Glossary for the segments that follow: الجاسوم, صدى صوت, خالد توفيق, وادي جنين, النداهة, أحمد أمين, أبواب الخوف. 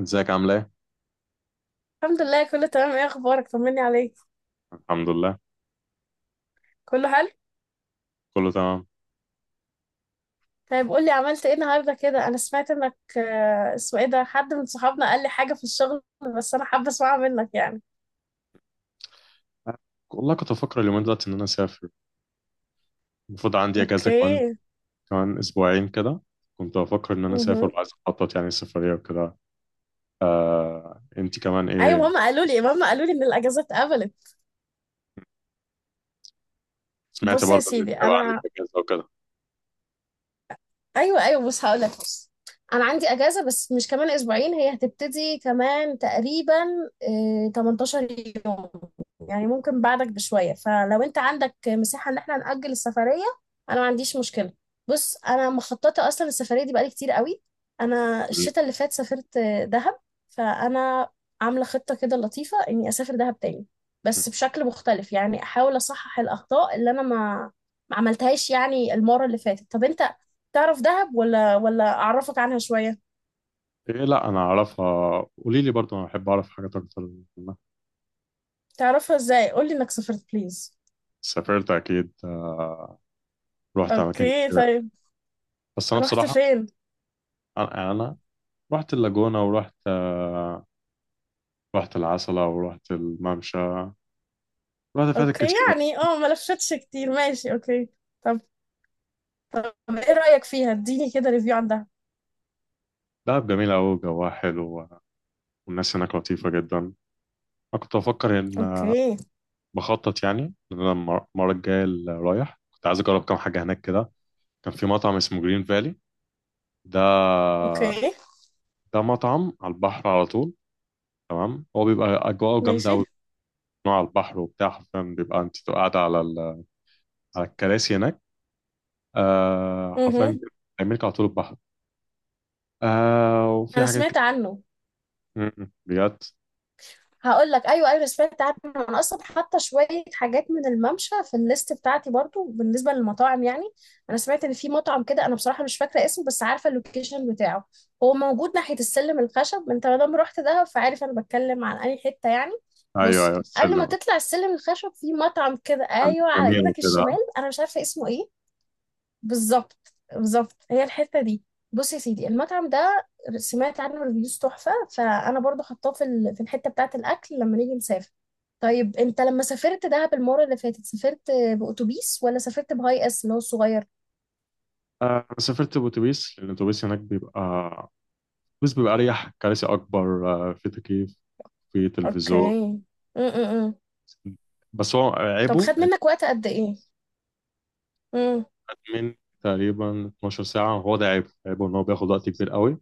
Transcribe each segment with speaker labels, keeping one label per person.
Speaker 1: ازيك عامل ايه؟
Speaker 2: الحمد لله، كله تمام. ايه اخبارك؟ طمني عليك.
Speaker 1: الحمد لله
Speaker 2: كله حلو.
Speaker 1: كله تمام.
Speaker 2: طيب قول لي عملت ايه النهارده كده. انا سمعت انك اسمه ايه ده، حد من صحابنا قال لي حاجه في الشغل، بس انا حابه اسمعها منك يعني.
Speaker 1: والله كنت بفكر اليومين دلوقتي ان انا اسافر. المفروض عندي اجازه كمان
Speaker 2: اوكي،
Speaker 1: اسبوعين كده. كنت بفكر ان انا اسافر
Speaker 2: مهم.
Speaker 1: وعايز اخطط يعني السفريه وكده. آه انت كمان
Speaker 2: ايوه،
Speaker 1: ايه،
Speaker 2: ماما قالوا لي ان الاجازات اتقبلت.
Speaker 1: سمعت
Speaker 2: بص يا
Speaker 1: برضه ان انت
Speaker 2: سيدي،
Speaker 1: بقى عندك
Speaker 2: انا
Speaker 1: اجازه وكده.
Speaker 2: ايوه ايوه، بص هقول لك. بص انا عندي اجازه بس مش كمان اسبوعين، هي هتبتدي كمان تقريبا 18 يوم، يعني ممكن بعدك بشويه، فلو انت عندك مساحه ان احنا ناجل السفريه انا ما عنديش مشكله. بص انا مخططه اصلا السفريه دي بقالي كتير قوي. انا
Speaker 1: م.
Speaker 2: الشتاء اللي فات سافرت دهب، فانا عامله خطه كده لطيفه اني اسافر دهب تاني، بس بشكل مختلف، يعني احاول اصحح الاخطاء اللي انا ما عملتهاش يعني المره اللي فاتت. طب انت تعرف دهب ولا اعرفك عنها شوية؟
Speaker 1: ايه، لا انا اعرفها، قولي لي برضه، انا بحب اعرف حاجات اكتر منها.
Speaker 2: تعرفها ازاي؟ قولي انك سافرت بليز.
Speaker 1: سافرت اكيد آه، رحت اماكن
Speaker 2: اوكي
Speaker 1: كتير.
Speaker 2: طيب،
Speaker 1: بس انا
Speaker 2: رحت
Speaker 1: بصراحه
Speaker 2: فين؟
Speaker 1: انا رحت اللاجونه ورحت رحت العسله ورحت الممشى، الوقت فاتت
Speaker 2: اوكي،
Speaker 1: كتير بقى.
Speaker 2: يعني اه ما لفتش كتير، ماشي اوكي. طب طب ايه رأيك فيها؟ اديني كده ريفيو عن دهب.
Speaker 1: دهب جميل أوي، جواها حلو، والناس هناك لطيفة جدا. أنا كنت بفكر إن
Speaker 2: اوكي.
Speaker 1: بخطط يعني إن أنا المرة الجاية اللي رايح كنت عايز أجرب كام حاجة هناك كده. كان في مطعم اسمه جرين فالي، ده
Speaker 2: اوكي،
Speaker 1: مطعم على البحر على طول. تمام، هو بيبقى أجواءه جامدة
Speaker 2: ماشي.
Speaker 1: أوي، نوع على البحر وبتاع. حرفيا بيبقى أنت بتبقى قاعدة على على الكراسي هناك، آه
Speaker 2: امم
Speaker 1: حرفيا بيعملك على طول البحر، آه وفي
Speaker 2: انا
Speaker 1: حاجات
Speaker 2: سمعت
Speaker 1: كده.
Speaker 2: عنه.
Speaker 1: م- م. بجد.
Speaker 2: هقول لك، ايوه ايوه، أنا سمعت عنه. انا اصلا حاطه شويه حاجات من الممشى في الليست بتاعتي برضو بالنسبه للمطاعم يعني. انا سمعت ان في مطعم كده، انا بصراحه مش فاكره اسمه بس عارفه اللوكيشن بتاعه. هو موجود ناحيه السلم الخشب، انت ما دام رحت دهب فعارف انا بتكلم عن اي حته يعني.
Speaker 1: أيوه
Speaker 2: بص
Speaker 1: أيوه
Speaker 2: قبل ما
Speaker 1: سلم،
Speaker 2: تطلع السلم الخشب في مطعم كده،
Speaker 1: عندك
Speaker 2: ايوه، على
Speaker 1: جميل
Speaker 2: ايدك الشمال،
Speaker 1: وكده.
Speaker 2: انا مش عارفه اسمه ايه. بالظبط بالظبط، هي الحته دي. بص يا سيدي، المطعم ده سمعت عنه ريفيوز تحفه، فانا برضو حطاه في الحته بتاعه الاكل لما نيجي نسافر. طيب انت لما سافرت دهب المره اللي فاتت سافرت باوتوبيس ولا سافرت بهاي اس اللي هو الصغير؟
Speaker 1: سافرت بأتوبيس لأن الأتوبيس هناك بيبقى، الأتوبيس بيبقى أريح، كراسي أكبر، في تكييف، في تلفزيون.
Speaker 2: اوكي. م -م -م.
Speaker 1: بس هو
Speaker 2: طب
Speaker 1: عيبه
Speaker 2: خد
Speaker 1: هيبقى
Speaker 2: منك وقت قد ايه؟
Speaker 1: من تقريبا 12 ساعة. هو ده عيبه، عيبه إن هو بياخد وقت كبير قوي،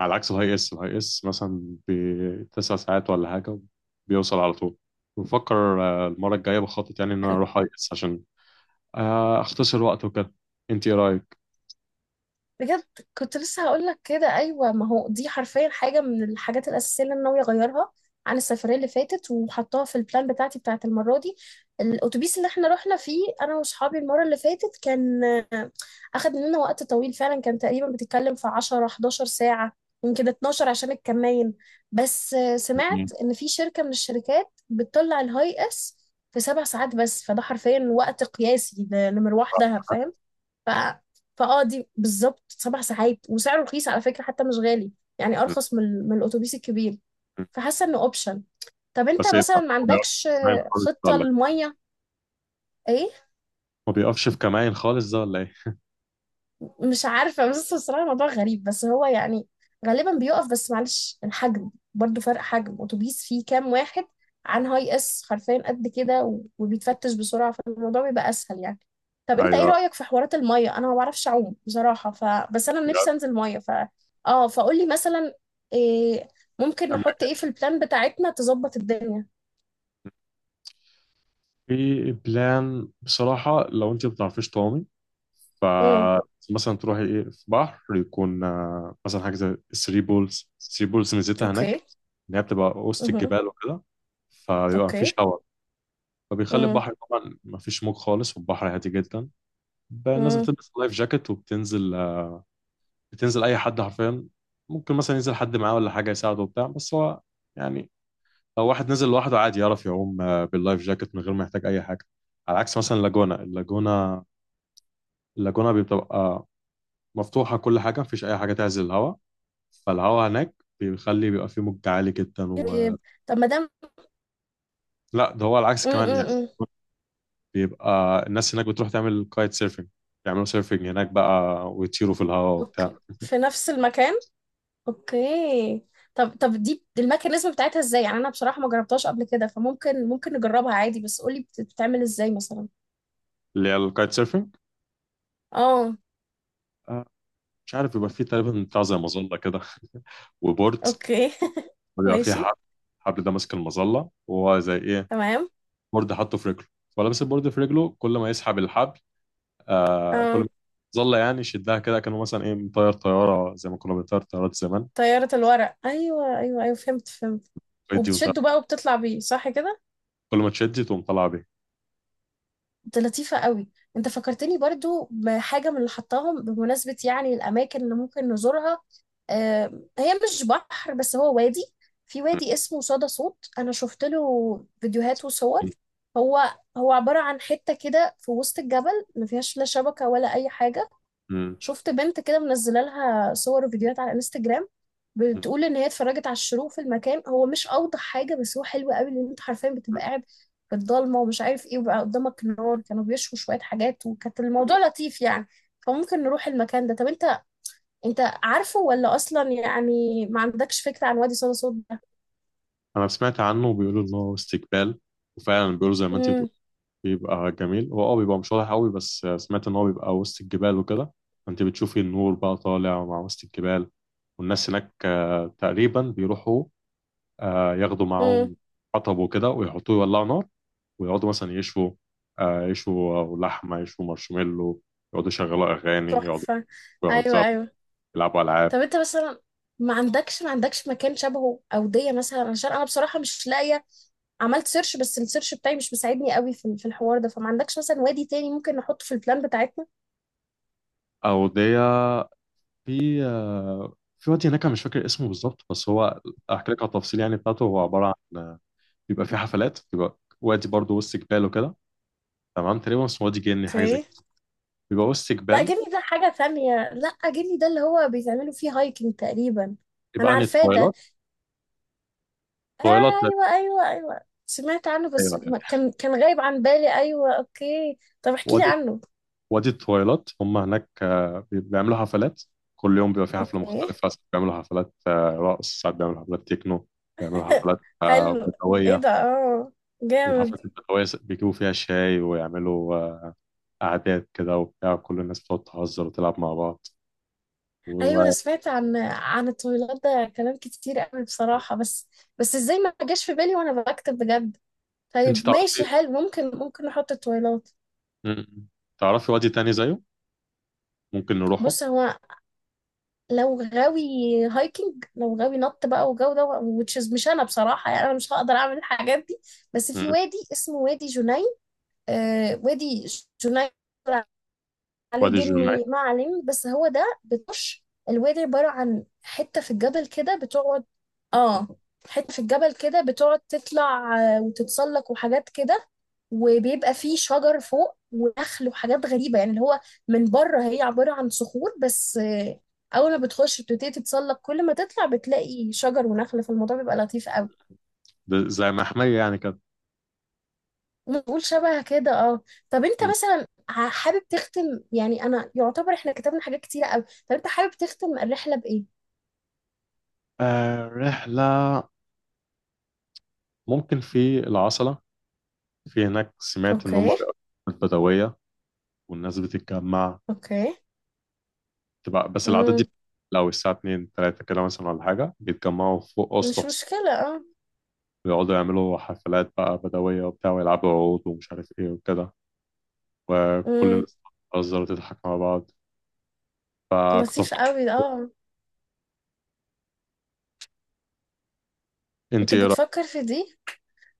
Speaker 1: على عكس الهاي إس. الهاي إس مثلا بتسع ساعات ولا حاجة بيوصل على طول. بفكر المرة الجاية بخطط يعني إن أنا أروح هاي إس عشان أختصر وقت وكده. أنت إيه رأيك؟
Speaker 2: بجد كنت لسه هقول لك كده، ايوه، ما هو دي حرفيا حاجه من الحاجات الاساسيه اللي انا ناويه اغيرها عن السفريه اللي فاتت وحطاها في البلان بتاعتي بتاعت المره دي. الاتوبيس اللي احنا رحنا فيه انا واصحابي المره اللي فاتت كان آه، اخد مننا وقت طويل فعلا، كان تقريبا بتتكلم في 10 11 ساعه، يمكن 12 عشان الكمين. بس سمعت
Speaker 1: مم.
Speaker 2: ان في شركه من الشركات بتطلع الهاي اس في 7 ساعات بس، فده حرفيا وقت قياسي لمروح دهب فاهم. ف... فاه دي بالظبط 7 ساعات، وسعره رخيص على فكرة حتى، مش غالي، يعني ارخص من الاتوبيس الكبير. فحاسة انه اوبشن. طب انت
Speaker 1: بس إيه ده؟
Speaker 2: مثلا ما
Speaker 1: هو بيقف في
Speaker 2: عندكش
Speaker 1: كمائن خالص ده
Speaker 2: خطة
Speaker 1: ولا إيه؟
Speaker 2: للمية؟ ايه؟
Speaker 1: هو بيقفش في كمائن خالص ده ولا إيه؟
Speaker 2: مش عارفة بس بصراحة الموضوع غريب، بس هو يعني غالبا بيقف، بس معلش الحجم برضو فرق، حجم اتوبيس فيه كام واحد عن هاي اس حرفيا قد كده، وبيتفتش بسرعة، فالموضوع بيبقى اسهل يعني. طب انت ايه
Speaker 1: أيوه.
Speaker 2: رأيك في حوارات المية؟ انا ما بعرفش اعوم بصراحة، بس انا
Speaker 1: بجد.
Speaker 2: نفسي انزل مية، ف اه فقول لي مثلا إيه ممكن
Speaker 1: أنا
Speaker 2: نحط ايه في البلان بتاعتنا تظبط الدنيا.
Speaker 1: في بلان بصراحة، لو أنت ما بتعرفيش تعومي،
Speaker 2: امم
Speaker 1: فمثلا تروحي إيه في بحر يكون مثلا حاجة زي الثري بولز. الثري بولز ميزتها
Speaker 2: اوكي.
Speaker 1: هناك إن هي بتبقى وسط
Speaker 2: امم
Speaker 1: الجبال وكده، فبيبقى مفيش
Speaker 2: اوكي.
Speaker 1: هواء، فبيخلي
Speaker 2: امم
Speaker 1: البحر طبعا مفيش موج خالص والبحر هادي جدا. بقى الناس
Speaker 2: امم.
Speaker 1: بتلبس لايف جاكيت وبتنزل، بتنزل أي حد حرفيا. ممكن مثلا ينزل حد معاه ولا حاجة يساعده وبتاع، بس هو يعني لو واحد نزل لوحده عادي يعرف يعوم آه، باللايف جاكيت من غير ما يحتاج اي حاجه. على عكس مثلا اللاجونه. اللاجونه بتبقى مفتوحه، كل حاجه مفيش اي حاجه تعزل الهواء، فالهواء هناك بيخلي بيبقى فيه موج عالي جدا و...
Speaker 2: طب ما
Speaker 1: لا ده هو العكس كمان يعني.
Speaker 2: دام،
Speaker 1: بيبقى الناس هناك بتروح تعمل كايت سيرفنج، يعملوا سيرفنج هناك بقى ويطيروا في الهواء وبتاع.
Speaker 2: اوكي في نفس المكان. اوكي. طب دي الميكانيزم بتاعتها ازاي يعني؟ انا بصراحة ما جربتهاش قبل كده، فممكن نجربها عادي، بس قولي بتتعمل ازاي مثلا؟
Speaker 1: اللي هي الكايت سيرفينج،
Speaker 2: اه.
Speaker 1: آه، مش عارف، بيبقى فيه تقريبا بتاع زي مظله كده، وبورد،
Speaker 2: اوكي
Speaker 1: وبيبقى فيه
Speaker 2: ماشي.
Speaker 1: حبل. الحبل ده ماسك المظله، وهو زي ايه
Speaker 2: تمام.
Speaker 1: بورد حاطه في رجله، فلابس البورد في رجله. كل ما يسحب الحبل، آه كل
Speaker 2: اه،
Speaker 1: ما ظل يعني يشدها كده، كانه مثلا ايه مطير طياره زي ما كنا بنطير طيارات زمان،
Speaker 2: طيارة الورق، ايوه ايوه ايوه، فهمت فهمت.
Speaker 1: ويدي وطير.
Speaker 2: وبتشده بقى وبتطلع بيه، صح كده؟
Speaker 1: كل ما تشد تقوم طالعه بيه.
Speaker 2: دي لطيفة قوي. انت فكرتني برضو بحاجة من اللي حطاهم، بمناسبة يعني الأماكن اللي ممكن نزورها. هي مش بحر بس هو وادي. في وادي اسمه صدى صوت، أنا شفت له فيديوهات وصور.
Speaker 1: م.
Speaker 2: هو هو عبارة عن حتة كده في وسط الجبل ما فيهاش لا شبكة ولا أي حاجة.
Speaker 1: م.
Speaker 2: شفت بنت كده منزله لها صور وفيديوهات على انستجرام
Speaker 1: م.
Speaker 2: بتقول ان هي اتفرجت على الشروق في المكان. هو مش اوضح حاجه بس هو حلو قوي، لان انت حرفيا بتبقى قاعد في الضلمه ومش عارف ايه، وبقى قدامك نار، كانوا بيشوا شويه حاجات، وكانت الموضوع لطيف يعني. فممكن نروح المكان ده. طب انت، عارفه ولا اصلا يعني ما عندكش فكره عن وادي صدى صوت ده؟
Speaker 1: انا سمعت عنه، وبيقولوا ان هو استقبال، وفعلا بيقولوا زي ما انت بتقول
Speaker 2: امم.
Speaker 1: بيبقى جميل. هو اه بيبقى مش واضح قوي، بس سمعت ان هو بيبقى وسط الجبال وكده. انت بتشوفي النور بقى طالع مع وسط الجبال، والناس هناك تقريبا بيروحوا ياخدوا
Speaker 2: امم.
Speaker 1: معاهم حطب وكده ويحطوه يولعوا نار، ويقعدوا مثلا يشوا يشوا لحمة، يشوا مارشميلو، يقعدوا يشغلوا أغاني، يقعدوا
Speaker 2: تحفه. ايوه
Speaker 1: يهزروا،
Speaker 2: ايوه.
Speaker 1: يلعبوا ألعاب.
Speaker 2: طب انت مثلا ما عندكش مكان شبهه اوديه مثلا؟ عشان انا بصراحه مش لاقيه، عملت سيرش بس السيرش بتاعي مش مساعدني قوي في الحوار ده، فما عندكش مثلا وادي تاني ممكن نحطه في البلان بتاعتنا؟
Speaker 1: أودية، في في وادي هناك أنا مش فاكر اسمه بالظبط، بس هو أحكي لك على التفصيل يعني بتاعته. هو عبارة عن بيبقى فيه حفلات، بيبقى وادي برضه وسط جبال وكده. تمام، تقريبا اسمه وادي جني حاجة زي
Speaker 2: اوكي.
Speaker 1: كده، بيبقى وسط
Speaker 2: لا
Speaker 1: جبال.
Speaker 2: جيب لي ده حاجة تانية، لا جيب لي ده اللي هو بيتعملوا فيه هايكنج تقريبا.
Speaker 1: يبقى
Speaker 2: انا
Speaker 1: عن
Speaker 2: عارفاه ده.
Speaker 1: الطويلات. طويلات، لا
Speaker 2: ايوه ايوه ايوه سمعت عنه بس
Speaker 1: تتخيلها يعني.
Speaker 2: كان غايب عن بالي. ايوه اوكي طب احكي لي
Speaker 1: وادي،
Speaker 2: عنه.
Speaker 1: وادي التويلات، هم هناك آه، بيعملوا حفلات. كل يوم بيبقى في حفلة
Speaker 2: اوكي
Speaker 1: مختلفة، ساعات بيعملوا حفلات رقص، ساعات بيعملوا حفلات تكنو، بيعملوا حفلات
Speaker 2: حلو. ايه
Speaker 1: بدوية.
Speaker 2: ده؟ اه جامد.
Speaker 1: والحفلات البدوية بيجيبوا فيها شاي ويعملوا قعدات كده وبتاع، كل الناس بتقعد تهزر وتلعب مع بعض.
Speaker 2: ايوه انا
Speaker 1: وانت
Speaker 2: سمعت عن الطويلات ده كلام كتير قوي بصراحة، بس ازاي ما جاش في بالي وانا بكتب؟ بجد. طيب ماشي
Speaker 1: تعرفي
Speaker 2: حلو، ممكن نحط التويلات.
Speaker 1: م- تعرفي وادي تاني زيه ممكن نروحه؟
Speaker 2: بص هو لو غاوي هايكنج، لو غاوي نط بقى وجو ده، which is مش انا بصراحة، يعني انا مش هقدر اعمل الحاجات دي. بس في
Speaker 1: م-
Speaker 2: وادي اسمه وادي جنين، آه وادي جنين، عليه
Speaker 1: وادي الجمعة.
Speaker 2: جني معلم بس هو ده. بتخش الوادي عبارة عن حتة في الجبل كده بتقعد، اه حتة في الجبل كده بتقعد تطلع وتتسلق وحاجات كده. وبيبقى فيه شجر فوق ونخل وحاجات غريبة، يعني اللي هو من بره هي عبارة عن صخور بس، أول ما بتخش بتبتدي تتسلق، كل ما تطلع بتلاقي شجر ونخل، فالموضوع بيبقى لطيف قوي.
Speaker 1: ده زي محمية يعني كده.
Speaker 2: نقول شبه كده اه. طب انت
Speaker 1: م.
Speaker 2: مثلا حابب تختم؟ يعني انا يعتبر احنا كتبنا حاجات كتيرة قوي. طب انت حابب تختم الرحلة بإيه؟
Speaker 1: آه، رحلة ممكن في العصلة. في هناك، سمعت إن هم
Speaker 2: اوكي.
Speaker 1: البدوية والناس بتتجمع،
Speaker 2: اوكي.
Speaker 1: تبقى بس العادات دي
Speaker 2: امم.
Speaker 1: لو الساعة 2 3 كده مثلا ولا حاجة بيتجمعوا فوق
Speaker 2: مش
Speaker 1: أسطح،
Speaker 2: مشكلة اه.
Speaker 1: ويقعدوا يعملوا حفلات بقى بدوية وبتاع، ويلعبوا عود ومش عارف إيه وكده، وكل
Speaker 2: امم.
Speaker 1: الناس بتهزر وتضحك مع بعض. فكنت
Speaker 2: لطيف
Speaker 1: أفكر،
Speaker 2: قوي اه.
Speaker 1: أنت
Speaker 2: انت
Speaker 1: إيه رأيك؟
Speaker 2: بتفكر في دي؟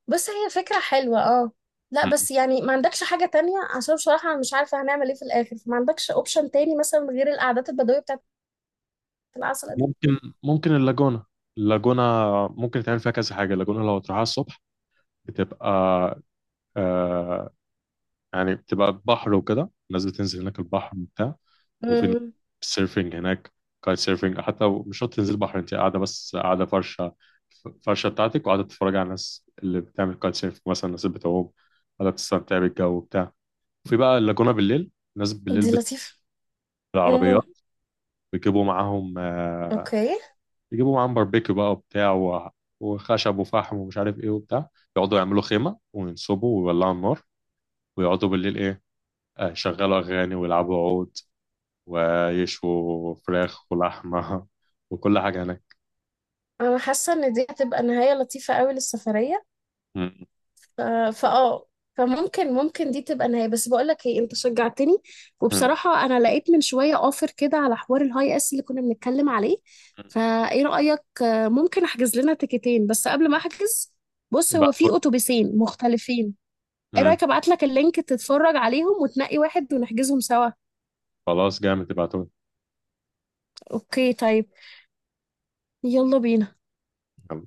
Speaker 2: بس هي فكرة حلوة اه. لا
Speaker 1: مم.
Speaker 2: بس يعني ما عندكش حاجة تانية؟ عشان بصراحة انا مش عارفة هنعمل ايه في الاخر، فما عندكش اوبشن تاني مثلا غير القعدات البدوية بتاعت العسل دي؟
Speaker 1: ممكن اللاجونة. اللاجونة ممكن تعمل فيها كذا حاجة. اللاجونة لو تروحها الصبح بتبقى آه، يعني بتبقى بحر وكده، الناس بتنزل هناك البحر وبتاع، وفي
Speaker 2: امم.
Speaker 1: السيرفنج هناك، كايت سيرفنج. حتى مش شرط تنزل بحر، انت قاعده بس، قاعده فرشه بتاعتك وقاعده تتفرج على الناس اللي بتعمل كايت سيرف، مثلا الناس اللي بتعوم، قاعده بتستمتع بالجو وبتاع. وفي بقى اللاجونه بالليل، الناس بالليل
Speaker 2: دي لطيفة.
Speaker 1: بالعربيات
Speaker 2: امم.
Speaker 1: بيجيبوا معاهم
Speaker 2: اوكي.
Speaker 1: بيجيبوا معاهم باربيكيو بقى وبتاع وخشب وفحم ومش عارف ايه وبتاع، يقعدوا يعملوا خيمه وينصبوا ويولعوا النار، ويقعدوا بالليل ايه، يشغلوا اغاني ويلعبوا عود، ويشووا فراخ ولحمه وكل حاجه هناك.
Speaker 2: انا حاسه ان دي هتبقى نهايه لطيفه قوي للسفريه.
Speaker 1: مم.
Speaker 2: ف- فاه، فممكن دي تبقى نهايه. بس بقول لك ايه، انت شجعتني،
Speaker 1: مم.
Speaker 2: وبصراحه انا لقيت من شويه اوفر كده على حوار الهاي اس اللي كنا بنتكلم عليه. فايه رايك ممكن احجز لنا تيكتين؟ بس قبل ما احجز، بص هو
Speaker 1: ابعتهولي.
Speaker 2: في اتوبيسين مختلفين، ايه
Speaker 1: مم.
Speaker 2: رايك ابعت لك اللينك تتفرج عليهم وتنقي واحد ونحجزهم سوا؟
Speaker 1: خلاص جامد، ابعتهولي.
Speaker 2: اوكي طيب، يلا بينا.
Speaker 1: يلا.